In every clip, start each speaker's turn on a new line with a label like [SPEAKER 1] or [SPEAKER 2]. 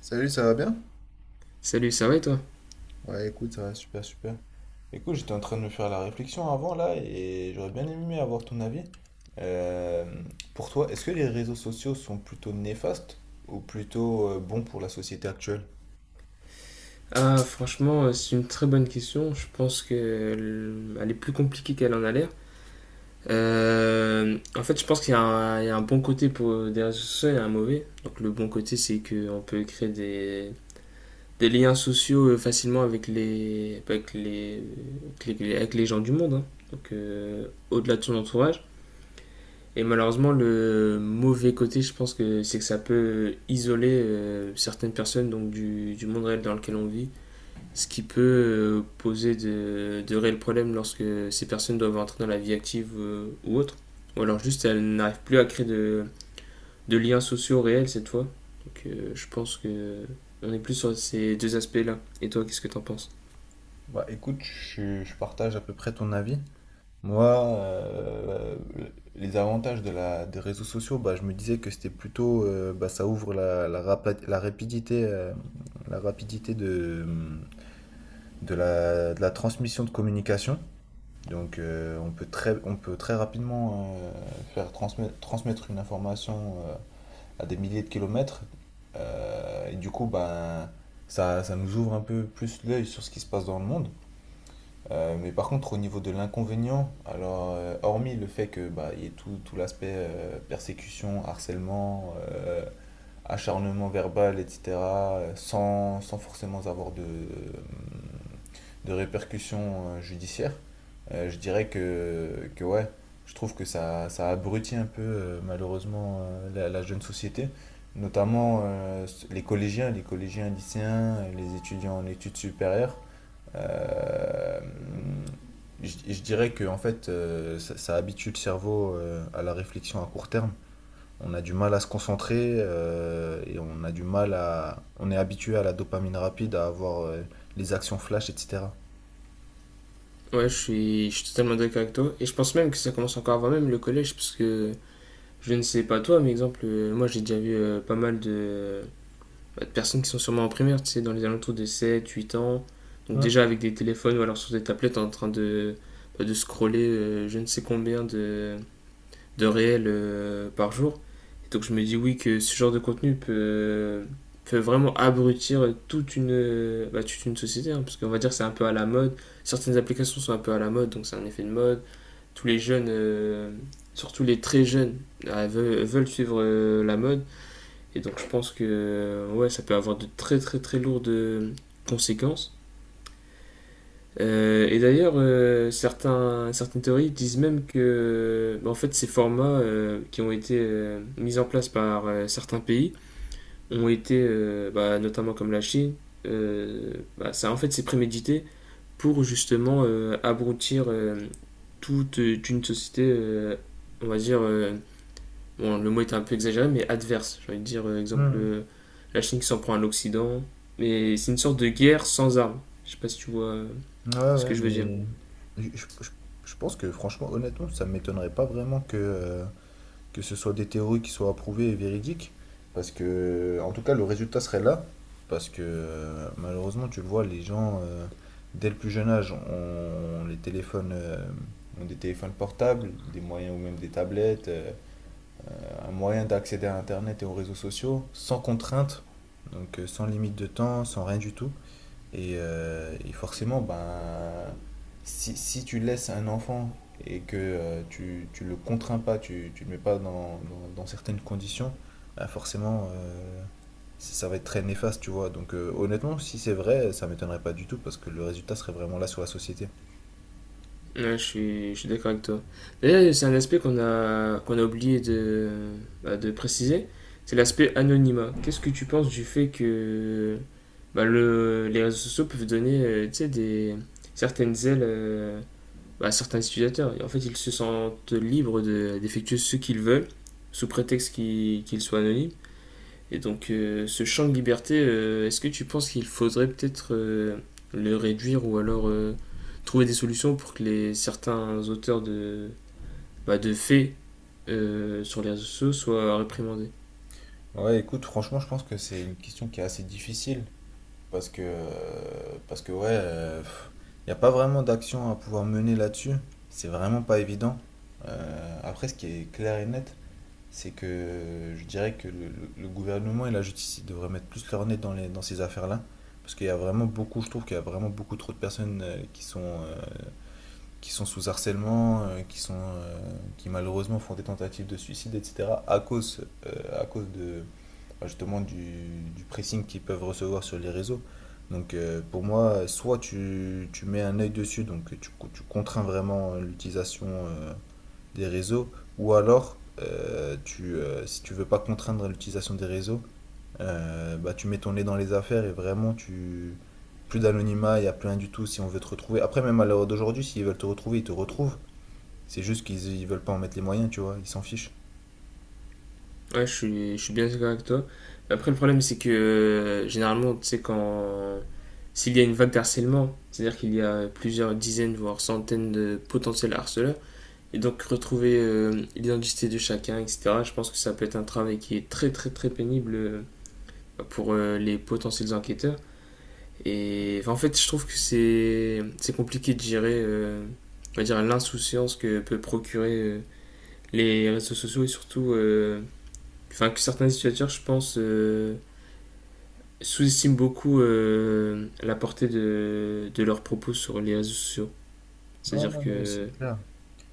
[SPEAKER 1] Salut, ça va bien?
[SPEAKER 2] Salut, ça va et toi?
[SPEAKER 1] Ouais, écoute, ça va super, super. Écoute, j'étais en train de me faire la réflexion avant là et j'aurais bien aimé avoir ton avis. Euh, pour toi, est-ce que les réseaux sociaux sont plutôt néfastes ou plutôt bons pour la société actuelle?
[SPEAKER 2] Ah, franchement, c'est une très bonne question. Je pense qu'elle elle est plus compliquée qu'elle en a l'air. En fait, je pense qu'il y a un, il y a un bon côté pour des réseaux sociaux et un mauvais. Donc, le bon côté, c'est qu'on peut créer des liens sociaux facilement avec les gens du monde, hein. Donc, au-delà de son entourage. Et malheureusement, le mauvais côté, je pense que c'est que ça peut isoler certaines personnes donc du monde réel dans lequel on vit, ce qui peut poser de réels problèmes lorsque ces personnes doivent entrer dans la vie active ou autre. Ou alors juste elles n'arrivent plus à créer de liens sociaux réels cette fois. Donc, je pense que on est plus sur ces deux aspects-là. Et toi, qu'est-ce que t'en penses?
[SPEAKER 1] Bah écoute, je partage à peu près ton avis. Moi, les avantages de des réseaux sociaux, bah, je me disais que c'était plutôt, bah, ça ouvre la rapidité de la transmission de communication. Donc, on peut très rapidement faire transmettre une information à des milliers de kilomètres. Et du coup, ben, ça nous ouvre un peu plus l'œil sur ce qui se passe dans le monde. Mais par contre, au niveau de l'inconvénient, alors, hormis le fait que, bah, il y ait tout l'aspect persécution, harcèlement, acharnement verbal, etc., sans forcément avoir de répercussions judiciaires. Je dirais que, ouais, je trouve que ça abrutit un peu malheureusement la jeune société, notamment les collégiens lycéens, les étudiants en études supérieures. Euh, je dirais que en fait, ça habitue le cerveau à la réflexion à court terme. On a du mal à se concentrer et on a du mal à... on est habitué à la dopamine rapide, à avoir les actions flash, etc.
[SPEAKER 2] Ouais, je suis totalement d'accord avec toi. Et je pense même que ça commence encore avant même le collège, parce que je ne sais pas toi, mais exemple, moi j'ai déjà vu pas mal de personnes qui sont sûrement en primaire, tu sais, dans les alentours de 7, 8 ans. Donc
[SPEAKER 1] Mm.
[SPEAKER 2] déjà avec des téléphones ou alors sur des tablettes en train de scroller je ne sais combien de réels par jour. Et donc je me dis oui que ce genre de contenu peut, peut vraiment abrutir toute toute une société, hein, parce qu'on va dire que c'est un peu à la mode. Certaines applications sont un peu à la mode, donc c'est un effet de mode. Tous les jeunes, surtout les très jeunes, veulent suivre la mode. Et donc je pense que ouais, ça peut avoir de très très très lourdes conséquences. Et d'ailleurs, certaines théories disent même que bah, en fait, ces formats qui ont été mis en place par certains pays ont été, notamment comme la Chine, euh, ça en fait c'est prémédité pour justement abrutir toute une société, on va dire, bon, le mot est un peu exagéré, mais adverse. J'ai envie de dire, exemple,
[SPEAKER 1] Mmh.
[SPEAKER 2] la Chine qui s'en prend à l'Occident. Mais c'est une sorte de guerre sans armes. Je sais pas si tu vois
[SPEAKER 1] Ouais,
[SPEAKER 2] ce que
[SPEAKER 1] ouais,
[SPEAKER 2] je veux dire.
[SPEAKER 1] mais je, je- je- je pense que franchement, honnêtement, ça m'étonnerait pas vraiment que ce soit des théories qui soient approuvées et véridiques, parce que, en tout cas, le résultat serait là, parce que malheureusement, tu le vois, les gens, dès le plus jeune âge, ont des téléphones portables, des moyens ou même des tablettes, un moyen d'accéder à Internet et aux réseaux sociaux, sans contrainte, donc sans limite de temps, sans rien du tout. Et forcément, ben, si tu laisses un enfant et que tu le contrains pas, tu le mets pas dans certaines conditions, ben forcément, ça va être très néfaste, tu vois. Donc honnêtement, si c'est vrai, ça m'étonnerait pas du tout parce que le résultat serait vraiment là sur la société.
[SPEAKER 2] Ouais, je suis d'accord avec toi. D'ailleurs, c'est un aspect qu'on a oublié de préciser. C'est l'aspect anonymat. Qu'est-ce que tu penses du fait que bah, les réseaux sociaux peuvent donner tu sais, certaines ailes à certains utilisateurs. En fait, ils se sentent libres de- d'effectuer ce qu'ils veulent, sous prétexte qu'ils soient anonymes. Et donc, ce champ de liberté, est-ce que tu penses qu'il faudrait peut-être le réduire ou alors trouver des solutions pour que certains auteurs de faits sur les réseaux sociaux soient réprimandés?
[SPEAKER 1] Ouais, écoute, franchement, je pense que c'est une question qui est assez difficile. Parce que ouais, il n'y a pas vraiment d'action à pouvoir mener là-dessus. C'est vraiment pas évident. Après, ce qui est clair et net, c'est que je dirais que le gouvernement et la justice ils devraient mettre plus leur nez dans les, dans ces affaires-là. Parce qu'il y a vraiment beaucoup, je trouve qu'il y a vraiment beaucoup trop de personnes qui sont sous harcèlement, qui sont, qui malheureusement font des tentatives de suicide, etc., à cause, de, bah, justement du pressing qu'ils peuvent recevoir sur les réseaux. Donc pour moi, soit tu mets un œil dessus, donc tu contrains vraiment l'utilisation des réseaux, ou alors, si tu veux pas contraindre l'utilisation des réseaux, bah, tu mets ton nez dans les affaires et vraiment, tu plus d'anonymat, il n'y a plus rien du tout si on veut te retrouver. Après, même à l'heure d'aujourd'hui, s'ils veulent te retrouver, ils te retrouvent. C'est juste qu'ils ils veulent pas en mettre les moyens, tu vois, ils s'en fichent.
[SPEAKER 2] Ouais, je suis bien d'accord avec toi. Après, le problème, c'est que généralement, tu sais, quand, s'il y a une vague d'harcèlement, c'est-à-dire qu'il y a plusieurs dizaines, voire centaines de potentiels harceleurs, et donc retrouver l'identité de chacun, etc., je pense que ça peut être un travail qui est très, très, très pénible pour les potentiels enquêteurs. Et enfin, en fait, je trouve que c'est compliqué de gérer, on va dire, l'insouciance que peut procurer les réseaux sociaux et surtout, enfin, que certains utilisateurs, je pense, sous-estiment beaucoup la portée de leurs propos sur les réseaux sociaux.
[SPEAKER 1] Non,
[SPEAKER 2] C'est-à-dire
[SPEAKER 1] non, ouais, c'est
[SPEAKER 2] que.
[SPEAKER 1] clair.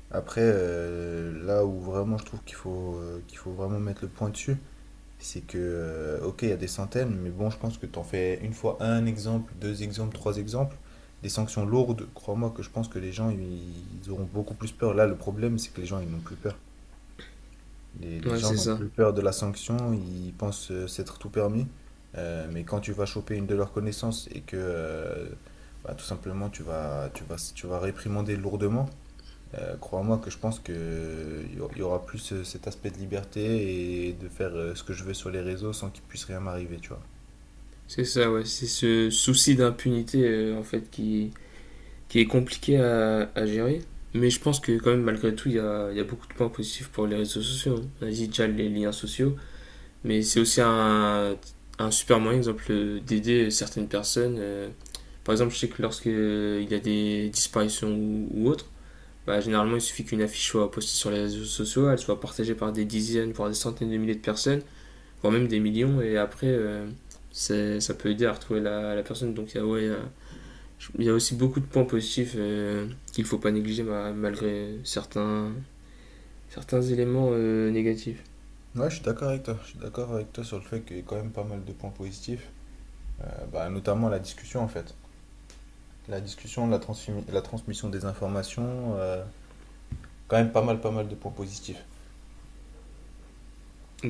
[SPEAKER 1] Après, là où vraiment je trouve qu'il faut vraiment mettre le point dessus. C'est que, ok, il y a des centaines, mais bon, je pense que t'en fais une fois un exemple, deux exemples, trois exemples. Des sanctions lourdes, crois-moi que je pense que les gens, ils auront beaucoup plus peur. Là, le problème, c'est que les gens, ils n'ont plus peur. Les
[SPEAKER 2] Ouais,
[SPEAKER 1] gens
[SPEAKER 2] c'est
[SPEAKER 1] n'ont
[SPEAKER 2] ça.
[SPEAKER 1] plus peur de la sanction, ils pensent s'être tout permis. Mais quand tu vas choper une de leurs connaissances et que, bah, tout simplement, tu vas réprimander lourdement, crois-moi que je pense que il y aura plus cet aspect de liberté et de faire ce que je veux sur les réseaux sans qu'il puisse rien m'arriver, tu vois.
[SPEAKER 2] C'est ça, ouais. C'est ce souci d'impunité, en fait, qui est compliqué à gérer. Mais je pense que, quand même, malgré tout, il y a beaucoup de points positifs pour les réseaux sociaux, hein. On a dit déjà les liens sociaux. Mais c'est aussi un super moyen, exemple, d'aider certaines personnes. Euh, par exemple, je sais que lorsque il y a des disparitions ou autres, bah, généralement, il suffit qu'une affiche soit postée sur les réseaux sociaux, elle soit partagée par des dizaines, voire des centaines de milliers de personnes, voire même des millions, et après, ça peut aider à retrouver la personne. Donc, il y a- ouais, y y a aussi beaucoup de points positifs qu'il ne faut pas négliger malgré certains éléments négatifs.
[SPEAKER 1] Ouais, je suis d'accord avec toi. Je suis d'accord avec toi sur le fait qu'il y a quand même pas mal de points positifs. Bah, notamment la discussion en fait. La discussion, la transmission des informations, quand même pas mal, pas mal de points positifs.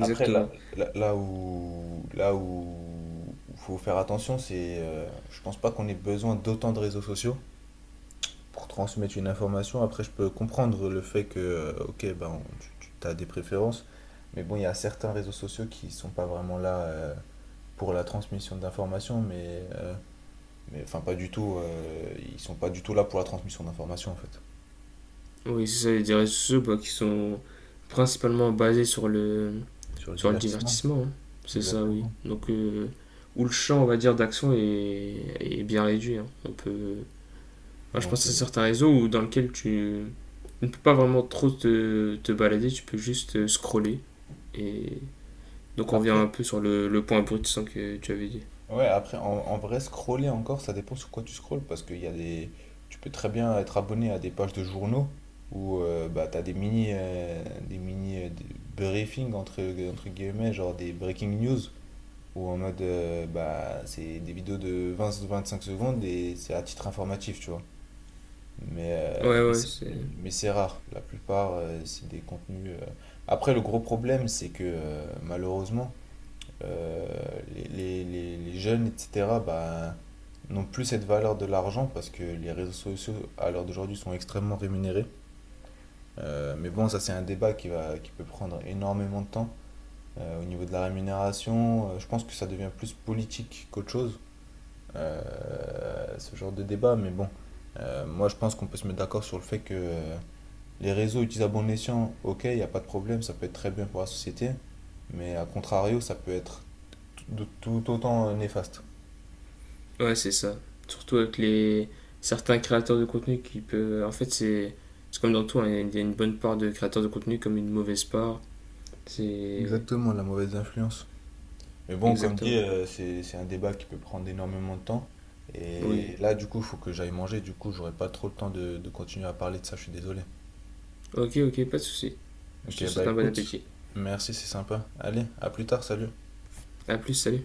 [SPEAKER 1] Après, là, là, là où où faut faire attention, c'est, je pense pas qu'on ait besoin d'autant de réseaux sociaux pour transmettre une information. Après, je peux comprendre le fait que, ok, ben, tu as des préférences, mais bon, il y a certains réseaux sociaux qui sont pas vraiment là pour la transmission d'informations, mais enfin, pas du tout. Ils sont pas du tout là pour la transmission d'informations, en fait.
[SPEAKER 2] Oui, c'est ça, les réseaux sociaux bah, qui sont principalement basés
[SPEAKER 1] Sur le
[SPEAKER 2] sur le
[SPEAKER 1] divertissement.
[SPEAKER 2] divertissement, hein. C'est ça, oui.
[SPEAKER 1] Exactement.
[SPEAKER 2] Donc, où le champ, on va dire, est bien réduit, hein. On peut, enfin, je
[SPEAKER 1] Donc,
[SPEAKER 2] pense à
[SPEAKER 1] euh,
[SPEAKER 2] certains réseaux dans lesquels tu ne peux pas vraiment trop te balader, tu peux juste scroller. Et donc, on revient un
[SPEAKER 1] après,
[SPEAKER 2] peu sur le point brut sans que tu avais dit.
[SPEAKER 1] Ouais, après, en vrai, scroller encore, ça dépend sur quoi tu scrolles, parce qu'il y a des... Tu peux très bien être abonné à des pages de journaux où bah, tu as des briefings, entre guillemets, genre des breaking news, où en mode, bah, c'est des vidéos de 20-25 secondes et c'est à titre informatif, tu vois. Mais, euh,
[SPEAKER 2] Ouais,
[SPEAKER 1] mais
[SPEAKER 2] ouais,
[SPEAKER 1] c'est
[SPEAKER 2] c'est.
[SPEAKER 1] mais c'est rare. La plupart, c'est des contenus… Après, le gros problème, c'est que malheureusement les jeunes, etc., bah, n'ont plus cette valeur de l'argent parce que les réseaux sociaux, à l'heure d'aujourd'hui, sont extrêmement rémunérés. Mais bon, ça, c'est un débat qui peut prendre énormément de temps. Au niveau de la rémunération, je pense que ça devient plus politique qu'autre chose, ce genre de débat. Mais bon, moi, je pense qu'on peut se mettre d'accord sur le fait que les réseaux utilisés à bon escient, ok, il n'y a pas de problème, ça peut être très bien pour la société. Mais à contrario, ça peut être de tout autant néfaste.
[SPEAKER 2] Ouais, c'est ça. Surtout avec les certains créateurs de contenu qui peuvent. En fait, c'est comme dans tout, hein, il y a une bonne part de créateurs de contenu comme une mauvaise part. C'est
[SPEAKER 1] Exactement, la mauvaise influence. Mais bon, comme dit,
[SPEAKER 2] exactement.
[SPEAKER 1] c'est un débat qui peut prendre énormément de temps.
[SPEAKER 2] Oui.
[SPEAKER 1] Et là, du coup, il faut que j'aille manger. Du coup, j'aurai pas trop le temps de continuer à parler de ça. Je suis désolé.
[SPEAKER 2] Ok, ok, pas de souci. Je te
[SPEAKER 1] Ok, bah
[SPEAKER 2] souhaite un bon
[SPEAKER 1] écoute,
[SPEAKER 2] appétit.
[SPEAKER 1] merci, c'est sympa. Allez, à plus tard, salut.
[SPEAKER 2] À plus, salut.